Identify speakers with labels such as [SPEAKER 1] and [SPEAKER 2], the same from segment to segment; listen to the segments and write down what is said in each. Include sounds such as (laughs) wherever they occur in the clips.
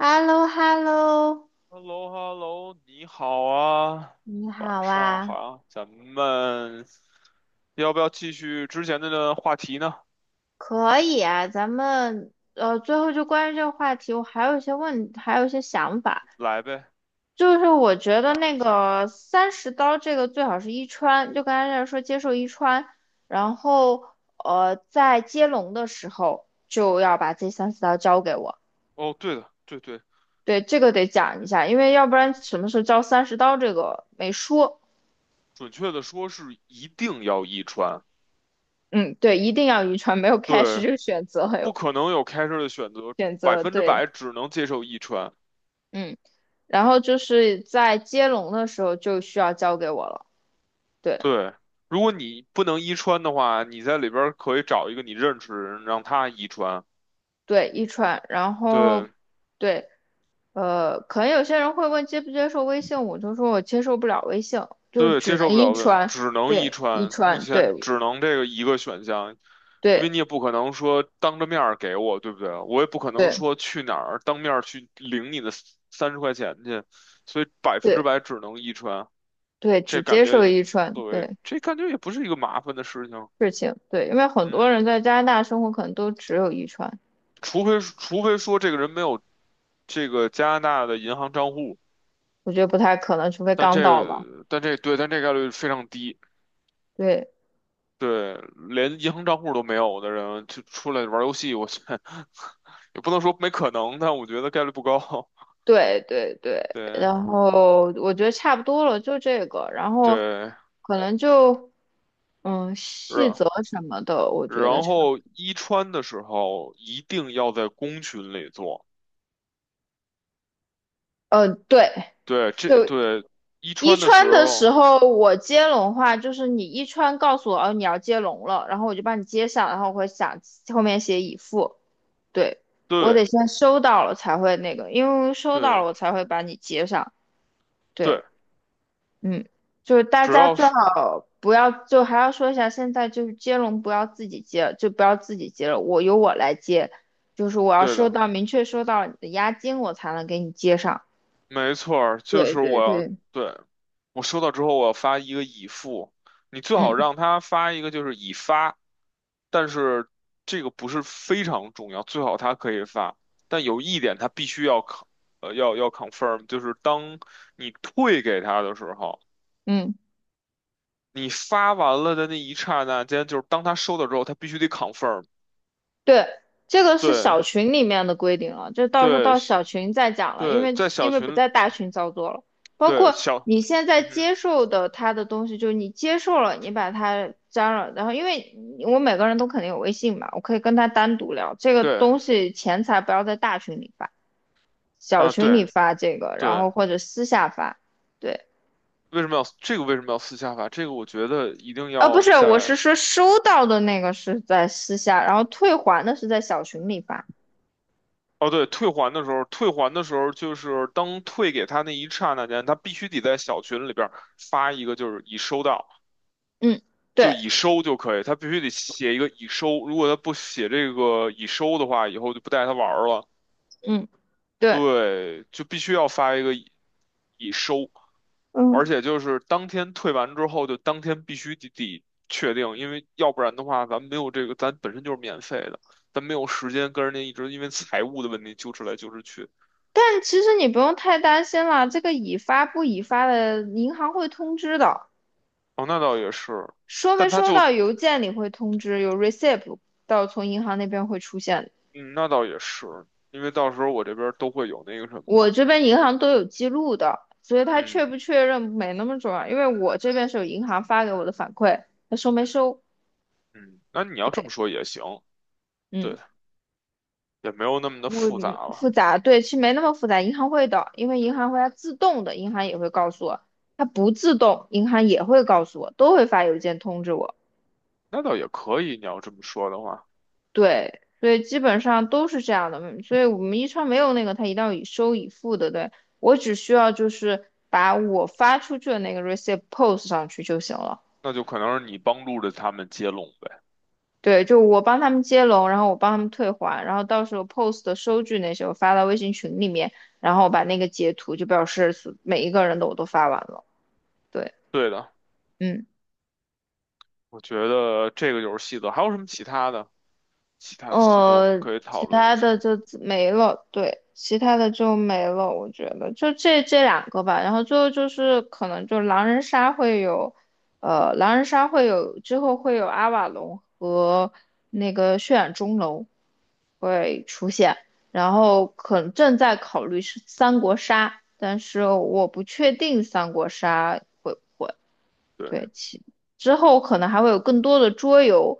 [SPEAKER 1] h e l l o h e l l o
[SPEAKER 2] h e l l o h e l l o 你好啊，
[SPEAKER 1] 你
[SPEAKER 2] 晚
[SPEAKER 1] 好
[SPEAKER 2] 上好
[SPEAKER 1] 啊。
[SPEAKER 2] 啊，咱们要不要继续之前的话题呢？
[SPEAKER 1] 可以啊，咱们最后就关于这个话题，我还有一些问，还有一些想法，
[SPEAKER 2] 来呗，
[SPEAKER 1] 就是我觉得
[SPEAKER 2] 讲一
[SPEAKER 1] 那
[SPEAKER 2] 下。
[SPEAKER 1] 个三十刀这个最好是一穿，就刚才在说接受一穿，然后在接龙的时候就要把这三十刀交给我。
[SPEAKER 2] 哦，对的，对对，
[SPEAKER 1] 对，这个得讲一下，因为要不然什么时候交三十刀这个没说。
[SPEAKER 2] 准确的说是一定要一穿。
[SPEAKER 1] 嗯，对，一定要一穿，没有开始
[SPEAKER 2] 对，
[SPEAKER 1] 就选择，还
[SPEAKER 2] 不
[SPEAKER 1] 有
[SPEAKER 2] 可能有开车的选择，
[SPEAKER 1] 选
[SPEAKER 2] 百
[SPEAKER 1] 择，
[SPEAKER 2] 分之
[SPEAKER 1] 对。
[SPEAKER 2] 百只能接受一穿。
[SPEAKER 1] 嗯，然后就是在接龙的时候就需要交给我了。对
[SPEAKER 2] 对，如果你不能一穿的话，你在里边儿可以找一个你认识的人让他一穿。
[SPEAKER 1] 对，一串。然后
[SPEAKER 2] 对。
[SPEAKER 1] 对，可能有些人会问接不接受微信，我就说我接受不了微信，就
[SPEAKER 2] 对，
[SPEAKER 1] 只
[SPEAKER 2] 接受
[SPEAKER 1] 能
[SPEAKER 2] 不
[SPEAKER 1] 一
[SPEAKER 2] 了问，
[SPEAKER 1] 串。
[SPEAKER 2] 只能遗
[SPEAKER 1] 对，一
[SPEAKER 2] 传，目
[SPEAKER 1] 串，
[SPEAKER 2] 前
[SPEAKER 1] 对
[SPEAKER 2] 只能这个一个选项，因为
[SPEAKER 1] 对
[SPEAKER 2] 你也不可能说当着面儿给我，对不对？我也不可能
[SPEAKER 1] 对
[SPEAKER 2] 说去哪儿当面儿去领你的30块钱去，所以百分之
[SPEAKER 1] 对
[SPEAKER 2] 百只能遗传。
[SPEAKER 1] 对，
[SPEAKER 2] 这
[SPEAKER 1] 只
[SPEAKER 2] 感
[SPEAKER 1] 接
[SPEAKER 2] 觉
[SPEAKER 1] 受
[SPEAKER 2] 也，
[SPEAKER 1] 一串，
[SPEAKER 2] 为
[SPEAKER 1] 对
[SPEAKER 2] 这感觉也不是一个麻烦的事情。
[SPEAKER 1] 事情，对，因为很多
[SPEAKER 2] 嗯，
[SPEAKER 1] 人在加拿大生活可能都只有一串。
[SPEAKER 2] 除非说这个人没有这个加拿大的银行账户，
[SPEAKER 1] 我觉得不太可能，除非刚到吧。
[SPEAKER 2] 但这概率非常低。
[SPEAKER 1] 对。
[SPEAKER 2] 对，连银行账户都没有的人，就出来玩游戏，我去，(laughs) 也不能说没可能，但我觉得概率不高。(laughs)
[SPEAKER 1] 对对对，
[SPEAKER 2] 对
[SPEAKER 1] 然后我觉得差不多了，就这个。然后
[SPEAKER 2] 对，
[SPEAKER 1] 可能就嗯细
[SPEAKER 2] 然
[SPEAKER 1] 则什么的，我觉得
[SPEAKER 2] 然
[SPEAKER 1] 差不
[SPEAKER 2] 后一穿的时候一定要在公群里做。
[SPEAKER 1] 多，对，
[SPEAKER 2] 对，这
[SPEAKER 1] 就
[SPEAKER 2] 对一
[SPEAKER 1] 一
[SPEAKER 2] 穿的时
[SPEAKER 1] 穿的时
[SPEAKER 2] 候，
[SPEAKER 1] 候我接龙话，就是你一穿告诉我哦你要接龙了，然后我就帮你接上，然后我会想后面写已付。对，我
[SPEAKER 2] 对
[SPEAKER 1] 得先收到了才会那个，因为收到
[SPEAKER 2] 对
[SPEAKER 1] 了我才会把你接上。
[SPEAKER 2] 对，
[SPEAKER 1] 对。嗯，就是大
[SPEAKER 2] 只
[SPEAKER 1] 家
[SPEAKER 2] 要
[SPEAKER 1] 最
[SPEAKER 2] 是
[SPEAKER 1] 好不要，就还要说一下，现在就是接龙不要自己接，就不要自己接了，我由我来接，就是我要
[SPEAKER 2] 对
[SPEAKER 1] 收
[SPEAKER 2] 的。
[SPEAKER 1] 到明确收到你的押金，我才能给你接上。
[SPEAKER 2] 没错儿，就
[SPEAKER 1] 对
[SPEAKER 2] 是
[SPEAKER 1] 对
[SPEAKER 2] 我要
[SPEAKER 1] 对，
[SPEAKER 2] 对，我收到之后我要发一个已付，你最好
[SPEAKER 1] 嗯
[SPEAKER 2] 让他发一个就是已发。但是这个不是非常重要，最好他可以发，但有一点他必须要 c 呃要要 confirm，就是当你退给他的时候，
[SPEAKER 1] 嗯。
[SPEAKER 2] 你发完了的那一刹那间，就是当他收到之后，他必须得 confirm。
[SPEAKER 1] 对，这个是
[SPEAKER 2] 对
[SPEAKER 1] 小群里面的规定了，就到时候
[SPEAKER 2] 对
[SPEAKER 1] 到小群再讲了，因
[SPEAKER 2] 对，
[SPEAKER 1] 为
[SPEAKER 2] 在小
[SPEAKER 1] 因为不
[SPEAKER 2] 群
[SPEAKER 1] 在大群操作了。包
[SPEAKER 2] 对
[SPEAKER 1] 括
[SPEAKER 2] 小，
[SPEAKER 1] 你现在
[SPEAKER 2] 嗯哼，
[SPEAKER 1] 接受的他的东西，就是你接受了，你把他加了，然后因为我每个人都肯定有微信嘛，我可以跟他单独聊这个
[SPEAKER 2] 对
[SPEAKER 1] 东西，钱财不要在大群里发，小
[SPEAKER 2] 啊
[SPEAKER 1] 群里
[SPEAKER 2] 对。
[SPEAKER 1] 发这个，然
[SPEAKER 2] 对。
[SPEAKER 1] 后或者私下发。对，
[SPEAKER 2] 为什么要私下发？这个我觉得一定
[SPEAKER 1] 啊，不
[SPEAKER 2] 要
[SPEAKER 1] 是，我
[SPEAKER 2] 在
[SPEAKER 1] 是说收到的那个是在私下，然后退还的是在小群里发。
[SPEAKER 2] 哦，对，退还的时候就是当退给他那一刹那间，他必须得在小群里边儿发一个，就是已收到，
[SPEAKER 1] 嗯，
[SPEAKER 2] 就
[SPEAKER 1] 对，
[SPEAKER 2] 已收就可以，他必须得写一个已收。如果他不写这个已收的话，以后就不带他玩儿了。
[SPEAKER 1] 嗯，对。
[SPEAKER 2] 对，就必须要发一个已收。而
[SPEAKER 1] 嗯。
[SPEAKER 2] 且就是当天退完之后，就当天必须得确定，因为要不然的话，咱没有这个，咱本身就是免费的，咱没有时间跟人家一直因为财务的问题纠缠来纠缠去。
[SPEAKER 1] 但其实你不用太担心啦，这个已发不已发的，银行会通知的，
[SPEAKER 2] 哦，那倒也是。
[SPEAKER 1] 收没
[SPEAKER 2] 但他
[SPEAKER 1] 收
[SPEAKER 2] 就，
[SPEAKER 1] 到邮件里会通知，有 receipt， 到从银行那边会出现的，
[SPEAKER 2] 嗯，那倒也是，因为到时候我这边都会有那个什么
[SPEAKER 1] 我
[SPEAKER 2] 嘛。
[SPEAKER 1] 这边银行都有记录的，所以他确
[SPEAKER 2] 嗯
[SPEAKER 1] 不确认没那么重要，因为我这边是有银行发给我的反馈，他收没收？
[SPEAKER 2] 嗯，那你要这
[SPEAKER 1] 对，
[SPEAKER 2] 么说也行。
[SPEAKER 1] 嗯，
[SPEAKER 2] 对，也没有那么的
[SPEAKER 1] 我
[SPEAKER 2] 复杂
[SPEAKER 1] 嗯
[SPEAKER 2] 了。
[SPEAKER 1] 复杂，对，其实没那么复杂，银行会的，因为银行会它自动的，银行也会告诉我，它不自动，银行也会告诉我，都会发邮件通知我。
[SPEAKER 2] 那倒也可以，你要这么说的话，
[SPEAKER 1] 对，所以基本上都是这样的，嗯所以我们一超没有那个，他一定要以收以付的，对，我只需要就是把我发出去的那个 receipt post 上去就行了。
[SPEAKER 2] 那就可能是你帮助着他们接龙呗。
[SPEAKER 1] 对，就我帮他们接龙，然后我帮他们退还，然后到时候 post 的收据那些我发到微信群里面，然后把那个截图就表示每一个人的我都发完了。对，
[SPEAKER 2] 对的，
[SPEAKER 1] 嗯。
[SPEAKER 2] 我觉得这个就是细则。还有什么其他的？其他的系统可以讨
[SPEAKER 1] 其
[SPEAKER 2] 论一
[SPEAKER 1] 他的
[SPEAKER 2] 下。
[SPEAKER 1] 就自没了，对，其他的就没了，我觉得就这两个吧。然后最后就是可能就狼人杀会有，狼人杀会有之后会有阿瓦隆和那个血染钟楼会出现，然后可能正在考虑是三国杀，但是我不确定三国杀。会。
[SPEAKER 2] 对，
[SPEAKER 1] 对，其之后可能还会有更多的桌游，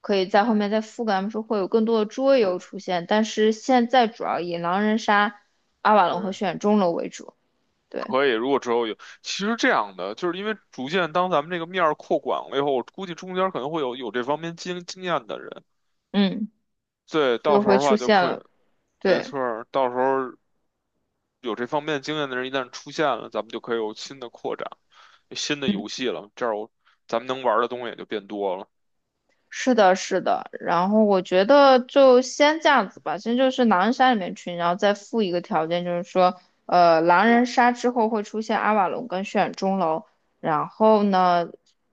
[SPEAKER 1] 可以在后面再覆盖。他们说会有更多的桌游
[SPEAKER 2] 是，
[SPEAKER 1] 出现，但是现在主要以狼人杀、阿瓦隆和
[SPEAKER 2] 对。
[SPEAKER 1] 血染钟楼为主。对，
[SPEAKER 2] 可以。如果之后有，其实这样的，就是因为逐渐当咱们这个面儿扩广了以后，我估计中间可能会有这方面经验的人。
[SPEAKER 1] 嗯，
[SPEAKER 2] 对，到
[SPEAKER 1] 就
[SPEAKER 2] 时候
[SPEAKER 1] 会
[SPEAKER 2] 的
[SPEAKER 1] 出
[SPEAKER 2] 话就
[SPEAKER 1] 现
[SPEAKER 2] 可以。
[SPEAKER 1] 了。
[SPEAKER 2] 没
[SPEAKER 1] 对，
[SPEAKER 2] 错儿，到时候有这方面经验的人一旦出现了，咱们就可以有新的扩展，新的
[SPEAKER 1] 嗯。
[SPEAKER 2] 游戏了。这样咱们能玩儿的东西也就变多了。
[SPEAKER 1] 是的，是的，然后我觉得就先这样子吧，先就是狼人杀里面群，然后再附一个条件，就是说，狼
[SPEAKER 2] 我
[SPEAKER 1] 人杀之后会出现阿瓦隆跟血染钟楼，然后呢，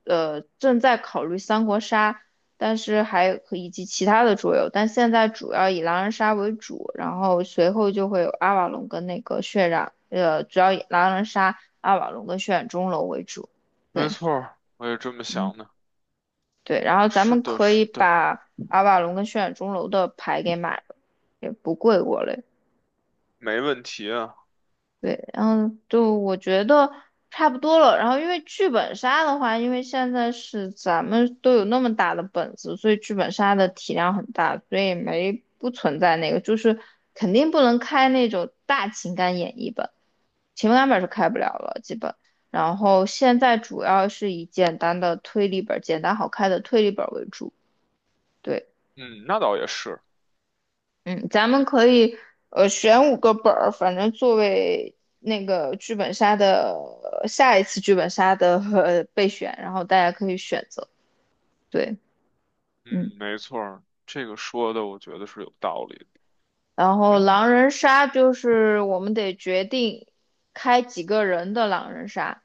[SPEAKER 1] 正在考虑三国杀，但是还可以及其他的桌游，但现在主要以狼人杀为主，然后随后就会有阿瓦隆跟那个血染，主要以狼人杀、阿瓦隆跟血染钟楼为主。
[SPEAKER 2] 没
[SPEAKER 1] 对。
[SPEAKER 2] 错儿，我也这么
[SPEAKER 1] 嗯
[SPEAKER 2] 想的。
[SPEAKER 1] 对，然后咱
[SPEAKER 2] 是
[SPEAKER 1] 们
[SPEAKER 2] 的，
[SPEAKER 1] 可以
[SPEAKER 2] 是的，
[SPEAKER 1] 把阿瓦隆跟血染钟楼的牌给买了，也不贵我嘞。
[SPEAKER 2] 没问题啊。
[SPEAKER 1] 对，然后就我觉得差不多了。然后因为剧本杀的话，因为现在是咱们都有那么大的本子，所以剧本杀的体量很大，所以没不存在那个，就是肯定不能开那种大情感演绎本，情感本是开不了了，基本。然后现在主要是以简单的推理本、简单好开的推理本为主。对。
[SPEAKER 2] 嗯，那倒也是。
[SPEAKER 1] 嗯，咱们可以选五个本儿，反正作为那个剧本杀的下一次剧本杀的备选，然后大家可以选择。对，嗯，
[SPEAKER 2] 嗯，没错儿，这个说的我觉得是有道理的。
[SPEAKER 1] 然后
[SPEAKER 2] 嗯，
[SPEAKER 1] 狼人杀就是我们得决定开几个人的狼人杀。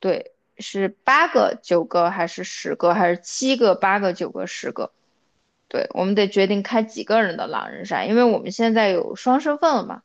[SPEAKER 1] 对，是八个、九个还是十个，还是七个、八个、九个、十个？对，我们得决定开几个人的狼人杀，因为我们现在有双身份了嘛，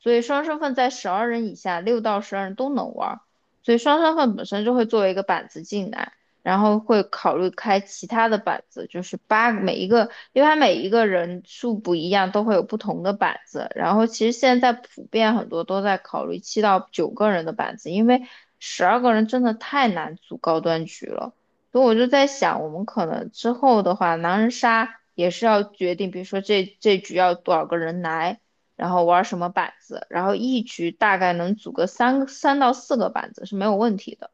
[SPEAKER 1] 所以双身份在十二人以下，六到十二人都能玩儿，所以双身份本身就会作为一个板子进来，然后会考虑开其他的板子，就是八个每一个，因为它每一个人数不一样，都会有不同的板子。然后其实现在普遍很多都在考虑七到九个人的板子，因为十二个人真的太难组高端局了。所以我就在想，我们可能之后的话，狼人杀也是要决定，比如说这局要多少个人来，然后玩什么板子，然后一局大概能组个三到四个板子是没有问题的。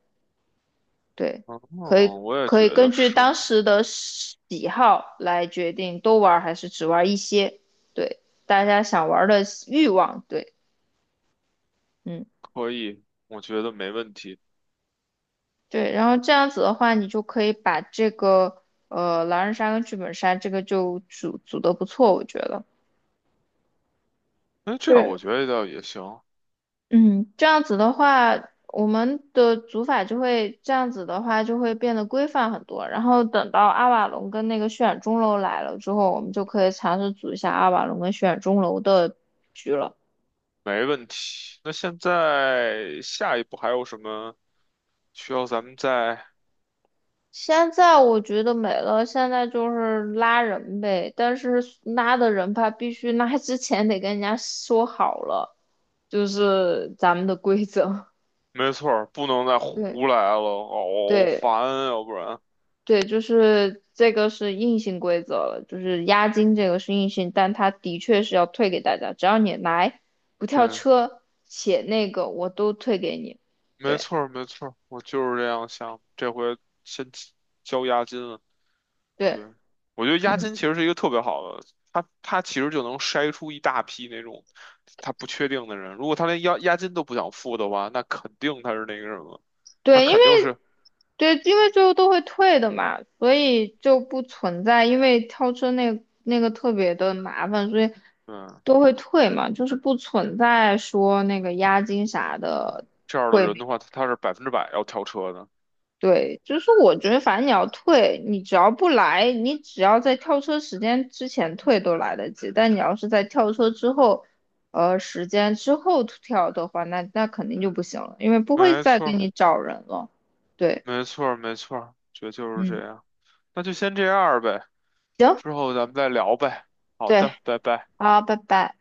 [SPEAKER 1] 对，可
[SPEAKER 2] 哦，
[SPEAKER 1] 以
[SPEAKER 2] 我也
[SPEAKER 1] 可以
[SPEAKER 2] 觉得
[SPEAKER 1] 根据
[SPEAKER 2] 是
[SPEAKER 1] 当时的喜好来决定多玩还是只玩一些。对，大家想玩的欲望，对，嗯，
[SPEAKER 2] 可以，我觉得没问题。
[SPEAKER 1] 对，然后这样子的话，你就可以把这个。狼人杀跟剧本杀这个就组的不错，我觉得。
[SPEAKER 2] 那这样
[SPEAKER 1] 对，
[SPEAKER 2] 我觉得倒也行。
[SPEAKER 1] 嗯，这样子的话，我们的组法就会这样子的话就会变得规范很多。然后等到阿瓦隆跟那个血染钟楼来了之后，我们就可以尝试组一下阿瓦隆跟血染钟楼的局了。
[SPEAKER 2] 没问题。那现在下一步还有什么需要咱们再？
[SPEAKER 1] 现在我觉得没了，现在就是拉人呗，但是拉的人吧，必须拉之前得跟人家说好了，就是咱们的规则。
[SPEAKER 2] 没错儿，不能再
[SPEAKER 1] (laughs) 对
[SPEAKER 2] 胡来了，好
[SPEAKER 1] 对，
[SPEAKER 2] 烦啊要不然。
[SPEAKER 1] 对，就是这个是硬性规则了，就是押金这个是硬性，但它的确是要退给大家，只要你来不跳
[SPEAKER 2] 对，
[SPEAKER 1] 车且那个我都退给你。
[SPEAKER 2] 没
[SPEAKER 1] 对
[SPEAKER 2] 错儿，没错儿，我就是这样想，这回先交押金了。
[SPEAKER 1] 对
[SPEAKER 2] 对，我觉得押
[SPEAKER 1] 嗯，
[SPEAKER 2] 金其实是一个特别好的，他其实就能筛出一大批那种他不确定的人。如果他连押金都不想付的话，那肯定他是那个什么，他
[SPEAKER 1] 对，因为
[SPEAKER 2] 肯定是
[SPEAKER 1] 对，因为最后都会退的嘛，所以就不存在因为跳车那个特别的麻烦，所以
[SPEAKER 2] 嗯
[SPEAKER 1] 都会退嘛，就是不存在说那个押金啥的。
[SPEAKER 2] 这样的
[SPEAKER 1] 会。
[SPEAKER 2] 人的话，他是百分之百要跳车的。
[SPEAKER 1] 对，就是我觉得反正你要退，你只要不来，你只要在跳车时间之前退都来得及。但你要是在跳车之后，时间之后跳的话，那肯定就不行了，因为不会
[SPEAKER 2] 没
[SPEAKER 1] 再
[SPEAKER 2] 错
[SPEAKER 1] 给
[SPEAKER 2] 儿
[SPEAKER 1] 你找人了。对，
[SPEAKER 2] 没错儿没错儿，觉得就是
[SPEAKER 1] 嗯，
[SPEAKER 2] 这样。那就先这样儿呗，
[SPEAKER 1] 行，
[SPEAKER 2] 之后咱们再聊呗。好
[SPEAKER 1] 对，
[SPEAKER 2] 的，拜拜。
[SPEAKER 1] 好，拜拜。